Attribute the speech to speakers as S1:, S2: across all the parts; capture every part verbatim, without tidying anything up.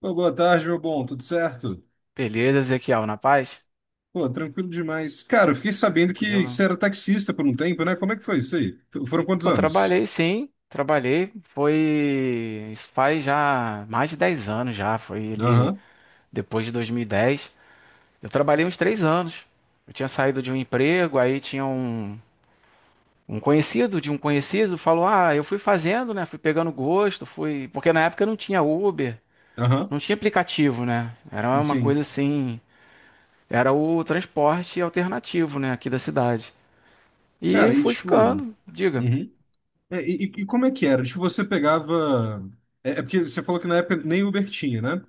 S1: Pô, boa tarde, meu bom. Tudo certo?
S2: Beleza, Ezequiel, na paz?
S1: Pô, tranquilo demais. Cara, eu fiquei sabendo que
S2: Tranquilo.
S1: você era taxista por um tempo, né? Como é que foi isso aí? F- Foram quantos
S2: Pô,
S1: anos?
S2: trabalhei sim, trabalhei. Foi. Isso faz já mais de dez anos já. Foi ali
S1: Aham,
S2: depois de dois mil e dez. Eu trabalhei uns três anos. Eu tinha saído de um emprego, aí tinha um, um conhecido de um conhecido, falou: Ah, eu fui fazendo, né? Fui pegando gosto, fui. Porque na época não tinha Uber,
S1: aham.
S2: não tinha aplicativo, né? Era uma
S1: Sim.
S2: coisa assim. Era o transporte alternativo, né? Aqui da cidade. E
S1: Cara, e
S2: fui
S1: tipo.
S2: ficando, diga.
S1: Uhum. É, E, e- e como é que era? Tipo, você pegava. É, é porque você falou que na época nem Uber tinha, né?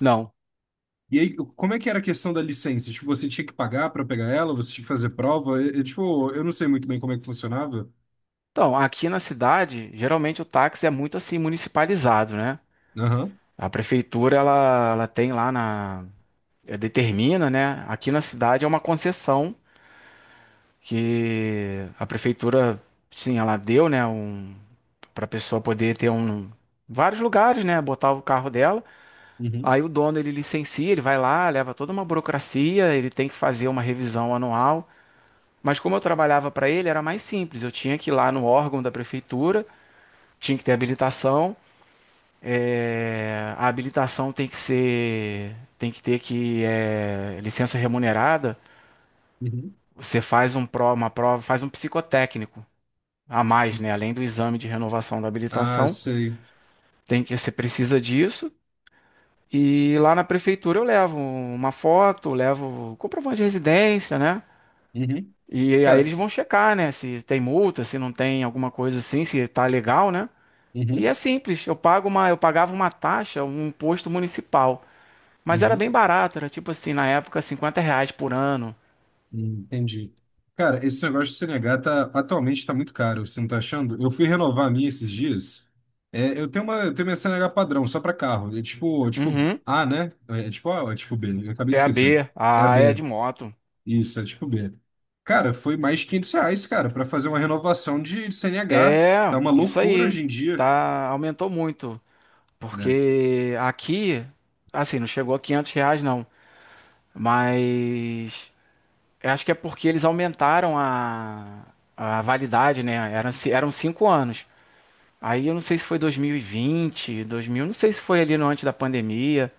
S2: Não.
S1: E aí, como é que era a questão da licença? Tipo, você tinha que pagar pra pegar ela? Você tinha que fazer prova? É, é, tipo, eu não sei muito bem como é que funcionava.
S2: Então, aqui na cidade, geralmente o táxi é muito assim municipalizado, né?
S1: Aham.
S2: A prefeitura ela, ela tem lá na eh, determina, né? Aqui na cidade é uma concessão que a prefeitura sim, ela deu, né, um para pessoa poder ter um vários lugares, né, botar o carro dela.
S1: Uhum.
S2: Aí o dono ele licencia, ele vai lá, leva toda uma burocracia, ele tem que fazer uma revisão anual. Mas como eu trabalhava para ele, era mais simples. Eu tinha que ir lá no órgão da prefeitura, tinha que ter habilitação. É, a habilitação tem que ser, tem que ter que é, licença remunerada.
S1: Uhum.
S2: Você faz um pro, uma prova, faz um psicotécnico a mais, né? Além do exame de renovação da
S1: Ah,
S2: habilitação,
S1: sei.
S2: tem que você precisa disso. E lá na prefeitura eu levo uma foto, levo comprovante de residência, né?
S1: Uhum.
S2: E aí eles
S1: Cara.
S2: vão checar, né? Se tem multa, se não tem alguma coisa assim, se tá legal, né? E é
S1: Uhum.
S2: simples. Eu pago uma, eu pagava uma taxa, um imposto municipal. Mas era bem
S1: Uhum.
S2: barato, era tipo assim, na época, cinquenta reais por ano.
S1: Hum, entendi. Cara, esse negócio de C N H tá, atualmente está muito caro, você não tá achando? Eu fui renovar a minha esses dias. É, eu tenho uma, eu tenho minha C N H padrão, só para carro. É tipo, é tipo
S2: Uhum.
S1: A, né? É é tipo A ou é tipo B? Eu acabei de
S2: É a
S1: esquecer.
S2: B,
S1: É a
S2: a A é de
S1: B.
S2: moto.
S1: Isso, é tipo B. Cara, foi mais de quinhentos reais, cara, para fazer uma renovação de, de C N H. Tá
S2: É,
S1: uma
S2: isso
S1: loucura
S2: aí.
S1: hoje em dia,
S2: Tá, aumentou muito.
S1: né?
S2: Porque aqui, assim, não chegou a quinhentos reais não. Mas eu acho que é porque eles aumentaram a, a validade, né? Eram, ci- eram cinco anos. Aí eu não sei se foi dois mil e vinte, dois mil, não sei se foi ali no antes da pandemia.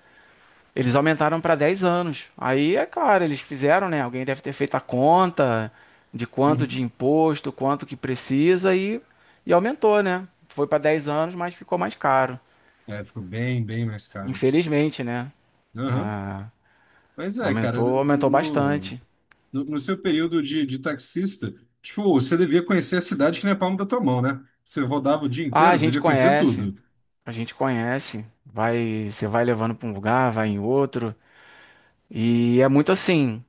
S2: Eles aumentaram para dez anos. Aí, é claro, eles fizeram, né? Alguém deve ter feito a conta de quanto de
S1: Uhum.
S2: imposto, quanto que precisa e, e aumentou, né? Foi para dez anos, mas ficou mais caro.
S1: É, ficou bem, bem mais caro.
S2: Infelizmente, né?
S1: Aham.
S2: Ah,
S1: Mas é, cara,
S2: aumentou,
S1: no,
S2: aumentou
S1: no-
S2: bastante.
S1: no, no seu período de, de taxista, tipo, você devia conhecer a cidade que não é palma da tua mão, né? Você rodava o dia
S2: Ah, a
S1: inteiro,
S2: gente
S1: devia conhecer
S2: conhece,
S1: tudo.
S2: a gente conhece. Vai, você vai levando para um lugar, vai em outro. E é muito assim.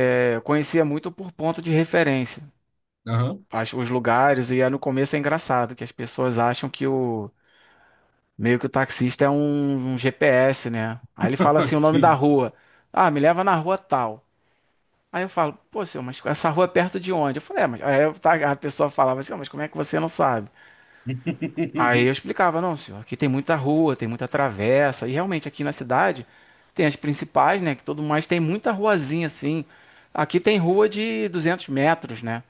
S2: é, Eu conhecia muito por ponto de referência.
S1: Aham.
S2: As- Os lugares, e aí no começo é engraçado que as pessoas acham que o meio que o taxista é um, um G P S, né? Aí ele fala assim, o nome da
S1: Sim.
S2: rua. Ah, me leva na rua tal. Aí eu falo, pô, senhor, mas essa rua é perto de onde? Eu falei, é, mas... Aí eu ta- a pessoa falava assim, "Ah, mas como é que você não sabe?" Aí eu explicava, não, senhor, aqui tem muita rua, tem muita travessa. E realmente aqui na cidade tem as principais, né? Que todo mais tem muita ruazinha assim. Aqui tem rua de duzentos metros, né?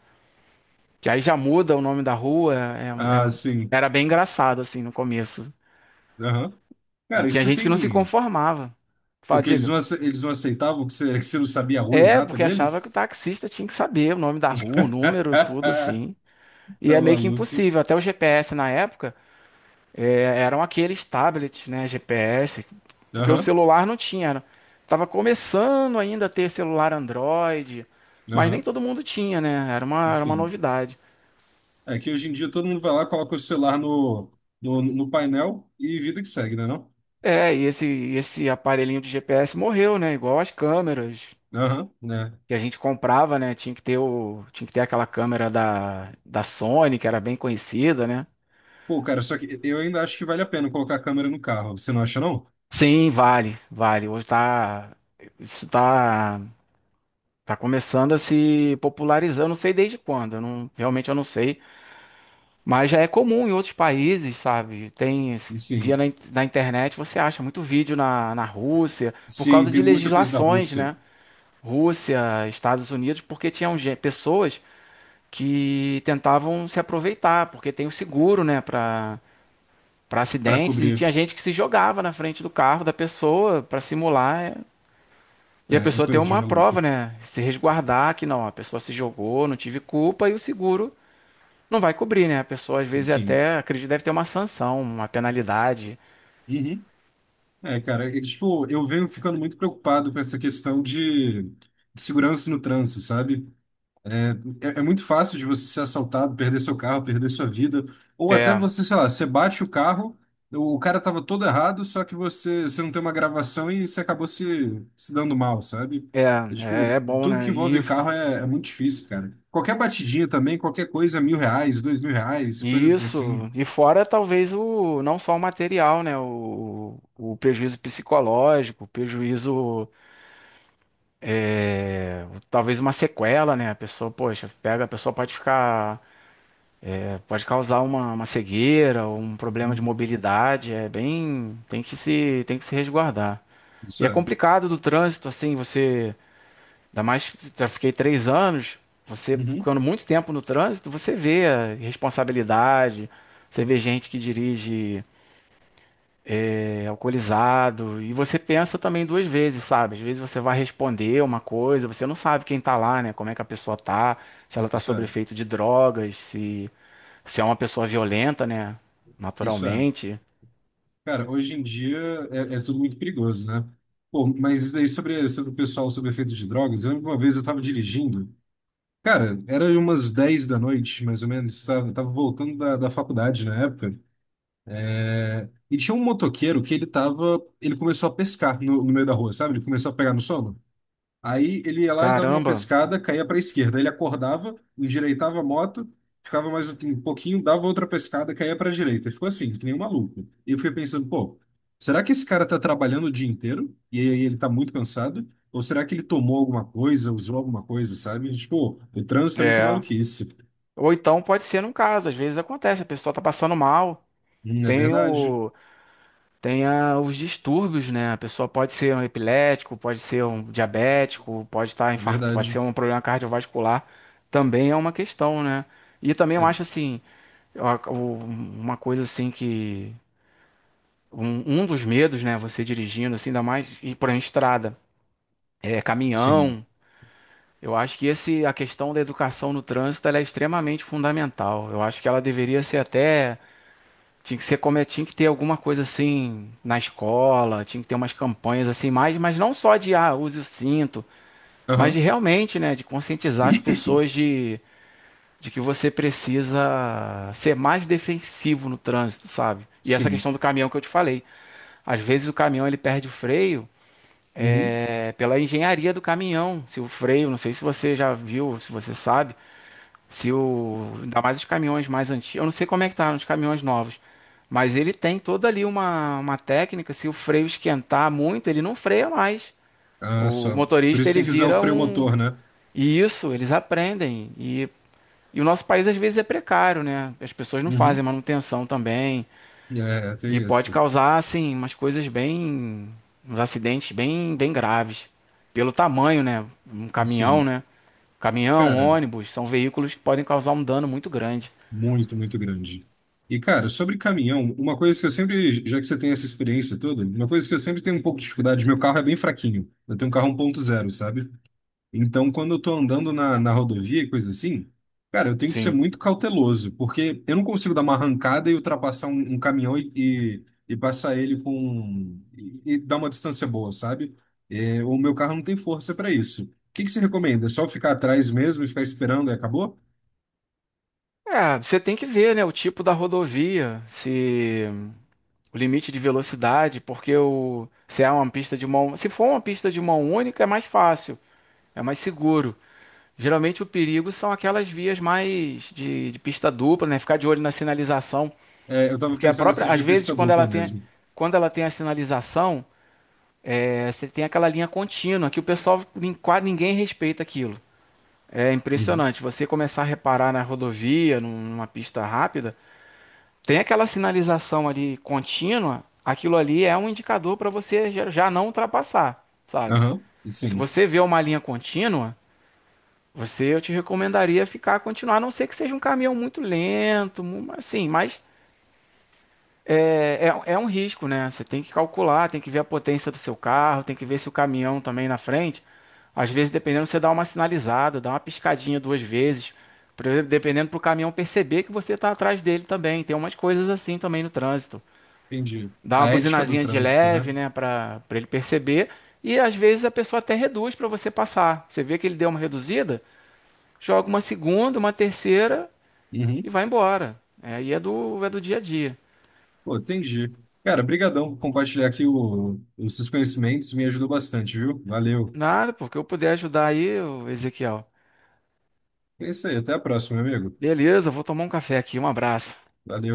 S2: Que aí já muda o nome da rua. é-
S1: Ah,
S2: é-
S1: sim.
S2: Era bem engraçado, assim, no começo.
S1: Aham.
S2: E
S1: Cara, e
S2: tinha
S1: você
S2: gente que não se
S1: tem.
S2: conformava.
S1: O
S2: Fala,
S1: que eles
S2: diga.
S1: não, ace- eles não aceitavam que você, que você não sabia a rua
S2: É,
S1: exata
S2: porque achava que
S1: deles?
S2: o taxista tinha que saber o nome da rua, o número, tudo assim. E
S1: Tá
S2: é meio que
S1: maluco.
S2: impossível. Até o G P S na época é, eram aqueles tablets, né? G P S, porque o
S1: Aham,
S2: celular não tinha. era- Tava começando ainda a ter celular Android, mas nem
S1: aham,
S2: todo mundo tinha, né? Era uma, era uma
S1: sim.
S2: novidade.
S1: É que hoje em dia todo mundo vai lá, coloca o celular no, no, no painel e vida que segue, né não?
S2: É, e esse, esse aparelhinho de G P S morreu, né? Igual as câmeras.
S1: Aham, né?
S2: Que a gente comprava, né? Tinha que ter o, tinha que ter aquela câmera da, da Sony, que era bem conhecida, né?
S1: Pô, cara, só que eu ainda acho que vale a pena colocar a câmera no carro. Você não acha, não?
S2: Sim, vale, vale. Hoje tá, isso tá, tá começando a se popularizar. Eu não sei desde quando, eu não, realmente eu não sei, mas já é comum em outros países, sabe? Tem, esse- via
S1: Sim.
S2: na, in- na internet, você acha muito vídeo na, na Rússia, por
S1: Sim,
S2: causa
S1: tem
S2: de
S1: muita coisa da
S2: legislações,
S1: Rússia
S2: né? Rússia, Estados Unidos, porque tinham gen- pessoas que tentavam se aproveitar, porque tem o seguro, né, para para
S1: para
S2: acidentes e
S1: cobrir.
S2: tinha gente que se jogava na frente do carro da pessoa para simular é, e
S1: É,
S2: a
S1: é
S2: pessoa ter
S1: coisa de
S2: uma
S1: maluco.
S2: prova, né, se resguardar que não, a pessoa se jogou, não tive culpa e o seguro não vai cobrir, né? A pessoa às vezes
S1: Sim.
S2: até acredito deve ter uma sanção, uma penalidade.
S1: Uhum. É, cara, é que, tipo, eu venho ficando muito preocupado com essa questão de, de segurança no trânsito, sabe? É, é muito fácil de você ser assaltado, perder seu carro, perder sua vida. Ou até
S2: É,
S1: você, sei lá, você bate o carro, o o cara tava todo errado, só que você, você não tem uma gravação e você acabou se, se dando mal, sabe?
S2: é,
S1: É,
S2: é,
S1: tipo,
S2: é bom,
S1: tudo que
S2: né? E
S1: envolve carro é, é muito difícil, cara. Qualquer batidinha também, qualquer coisa, mil reais, dois mil reais,
S2: e
S1: coisa assim.
S2: isso, e fora talvez o não só o material, né? O, o prejuízo psicológico, o prejuízo é, talvez uma sequela, né? A pessoa, poxa, pega, a pessoa pode ficar, é, pode causar uma, uma cegueira, ou um problema de mobilidade, é bem, tem que se, tem que se resguardar.
S1: Isso
S2: E é
S1: é.
S2: complicado do trânsito, assim, você, ainda mais, já fiquei três anos, você
S1: Uhum.
S2: ficando muito tempo no trânsito, você vê a responsabilidade, você vê gente que dirige é, alcoolizado. E você pensa também duas vezes, sabe? Às vezes você vai responder uma coisa, você não sabe quem tá lá, né? Como é que a pessoa tá, se ela tá
S1: Isso
S2: sob
S1: é.
S2: efeito de drogas, se, se é uma pessoa violenta, né?
S1: Isso é.
S2: Naturalmente.
S1: Cara, hoje em dia é, é tudo muito perigoso, né? Pô, mas isso aí sobre, sobre o pessoal sobre efeito de drogas, eu lembro que uma vez eu tava dirigindo. Cara, era umas dez da noite, mais ou menos. Tava, tava voltando da, da faculdade na época. é, E tinha um motoqueiro que ele tava. Ele começou a pescar no, no meio da rua, sabe? Ele começou a pegar no sono. Aí ele ia lá, ele dava uma
S2: Caramba,
S1: pescada, caía para a esquerda. Ele acordava, endireitava a moto, ficava mais um um pouquinho, dava outra pescada, caía para a direita. Ele ficou assim, que nem um maluco. E eu fiquei pensando, pô, será que esse cara tá trabalhando o dia inteiro? E aí ele tá muito cansado? Ou será que ele tomou alguma coisa, usou alguma coisa, sabe? Tipo, o trânsito é muito
S2: é.
S1: maluquice.
S2: Ou então pode ser num caso, às vezes acontece, a pessoa tá passando mal.
S1: Hum, É
S2: Tem
S1: verdade,
S2: o, Tem a- os distúrbios, né? A pessoa pode ser um epilético, pode ser um diabético, pode estar
S1: é
S2: infarto, pode ser
S1: verdade.
S2: um problema cardiovascular. Também é uma questão, né? E também eu
S1: É,
S2: acho assim, eu ac- o- uma coisa assim que um, um dos medos, né? Você dirigindo assim, ainda mais ir por uma estrada, é
S1: sim.
S2: caminhão. Eu acho que esse a questão da educação no trânsito ela é extremamente fundamental. Eu acho que ela deveria ser até tinha que ser como é, tinha que ter alguma coisa assim na escola, tinha que ter umas campanhas assim mais, mas não só de ah, use o cinto, mas de
S1: Aham,
S2: realmente, né, de conscientizar as pessoas de, de que você precisa ser mais defensivo no trânsito, sabe? E essa
S1: sim.
S2: questão do caminhão que eu te falei. Às vezes o caminhão ele perde o freio
S1: Uhum.
S2: é, pela engenharia do caminhão. Se o freio, não sei se você já viu, se você sabe se o, ainda mais os caminhões mais antigos, eu não sei como é que tá nos caminhões novos, mas ele tem toda ali uma, uma técnica, se o freio esquentar muito, ele não freia mais.
S1: Ah,
S2: O
S1: só. Por
S2: motorista
S1: isso
S2: ele
S1: tem que usar o
S2: vira
S1: freio
S2: um
S1: motor, né?
S2: e isso eles aprendem e e o nosso país às vezes é precário, né? As pessoas não fazem
S1: Uhum.
S2: manutenção também
S1: É,
S2: e
S1: tem
S2: pode
S1: isso.
S2: causar assim umas coisas bem uns acidentes bem bem graves pelo tamanho, né? Um caminhão,
S1: Sim.
S2: né? Caminhão,
S1: Cara,
S2: ônibus, são veículos que podem causar um dano muito grande.
S1: muito, muito grande. E, cara, sobre caminhão, uma coisa que eu sempre, já que você tem essa experiência toda, uma coisa que eu sempre tenho um pouco de dificuldade, meu carro é bem fraquinho. Eu tenho um carro um ponto zero, sabe? Então, quando eu tô andando na, na rodovia e coisa assim, cara, eu tenho que ser
S2: Sim.
S1: muito cauteloso, porque eu não consigo dar uma arrancada e ultrapassar um, um caminhão e, e, e passar ele com. um, e, e dar uma distância boa, sabe? É, o meu carro não tem força para isso. O que que você recomenda? É só ficar atrás mesmo e ficar esperando e acabou?
S2: É, você tem que ver, né, o tipo da rodovia, se o limite de velocidade, porque o, se é uma pista de mão, se for uma pista de mão única é mais fácil, é mais seguro. Geralmente o perigo são aquelas vias mais de, de pista dupla, né, ficar de olho na sinalização,
S1: É, eu tava
S2: porque a
S1: pensando nessa
S2: própria, às
S1: de
S2: vezes
S1: pista
S2: quando ela
S1: dupla
S2: tem,
S1: mesmo.
S2: quando ela tem a sinalização, é, você tem aquela linha contínua que o pessoal nin- quase ninguém respeita aquilo. É
S1: Uhum.
S2: impressionante. Você começar a reparar na rodovia, num- numa pista rápida tem aquela sinalização ali contínua, aquilo ali é um indicador para você já já não ultrapassar, sabe?
S1: Aham,
S2: Se
S1: sim,
S2: você vê uma linha contínua, você eu te recomendaria ficar continuar, a não ser que seja um caminhão muito lento, mu- assim, mas é, é- é um risco, né? Você tem que calcular, tem que ver a potência do seu carro, tem que ver se o caminhão também na frente. Às vezes, dependendo, você dá uma sinalizada, dá uma piscadinha duas vezes, por exemplo, dependendo para o caminhão perceber que você está atrás dele também. Tem umas coisas assim também no trânsito.
S1: entendi.
S2: Dá uma
S1: A ética do
S2: buzinazinha de
S1: trânsito, né?
S2: leve, né, para para ele perceber. E às vezes a pessoa até reduz para você passar. Você vê que ele deu uma reduzida, joga uma segunda, uma terceira
S1: Uhum.
S2: e vai embora. É, aí é do, é do dia a dia.
S1: Pô, entendi. Cara, brigadão por compartilhar aqui o- os seus conhecimentos, me ajudou bastante, viu? Valeu.
S2: Nada, porque eu puder ajudar aí, ô Ezequiel.
S1: É isso aí, até a próxima, meu amigo.
S2: Beleza, vou tomar um café aqui. Um abraço.
S1: Valeu.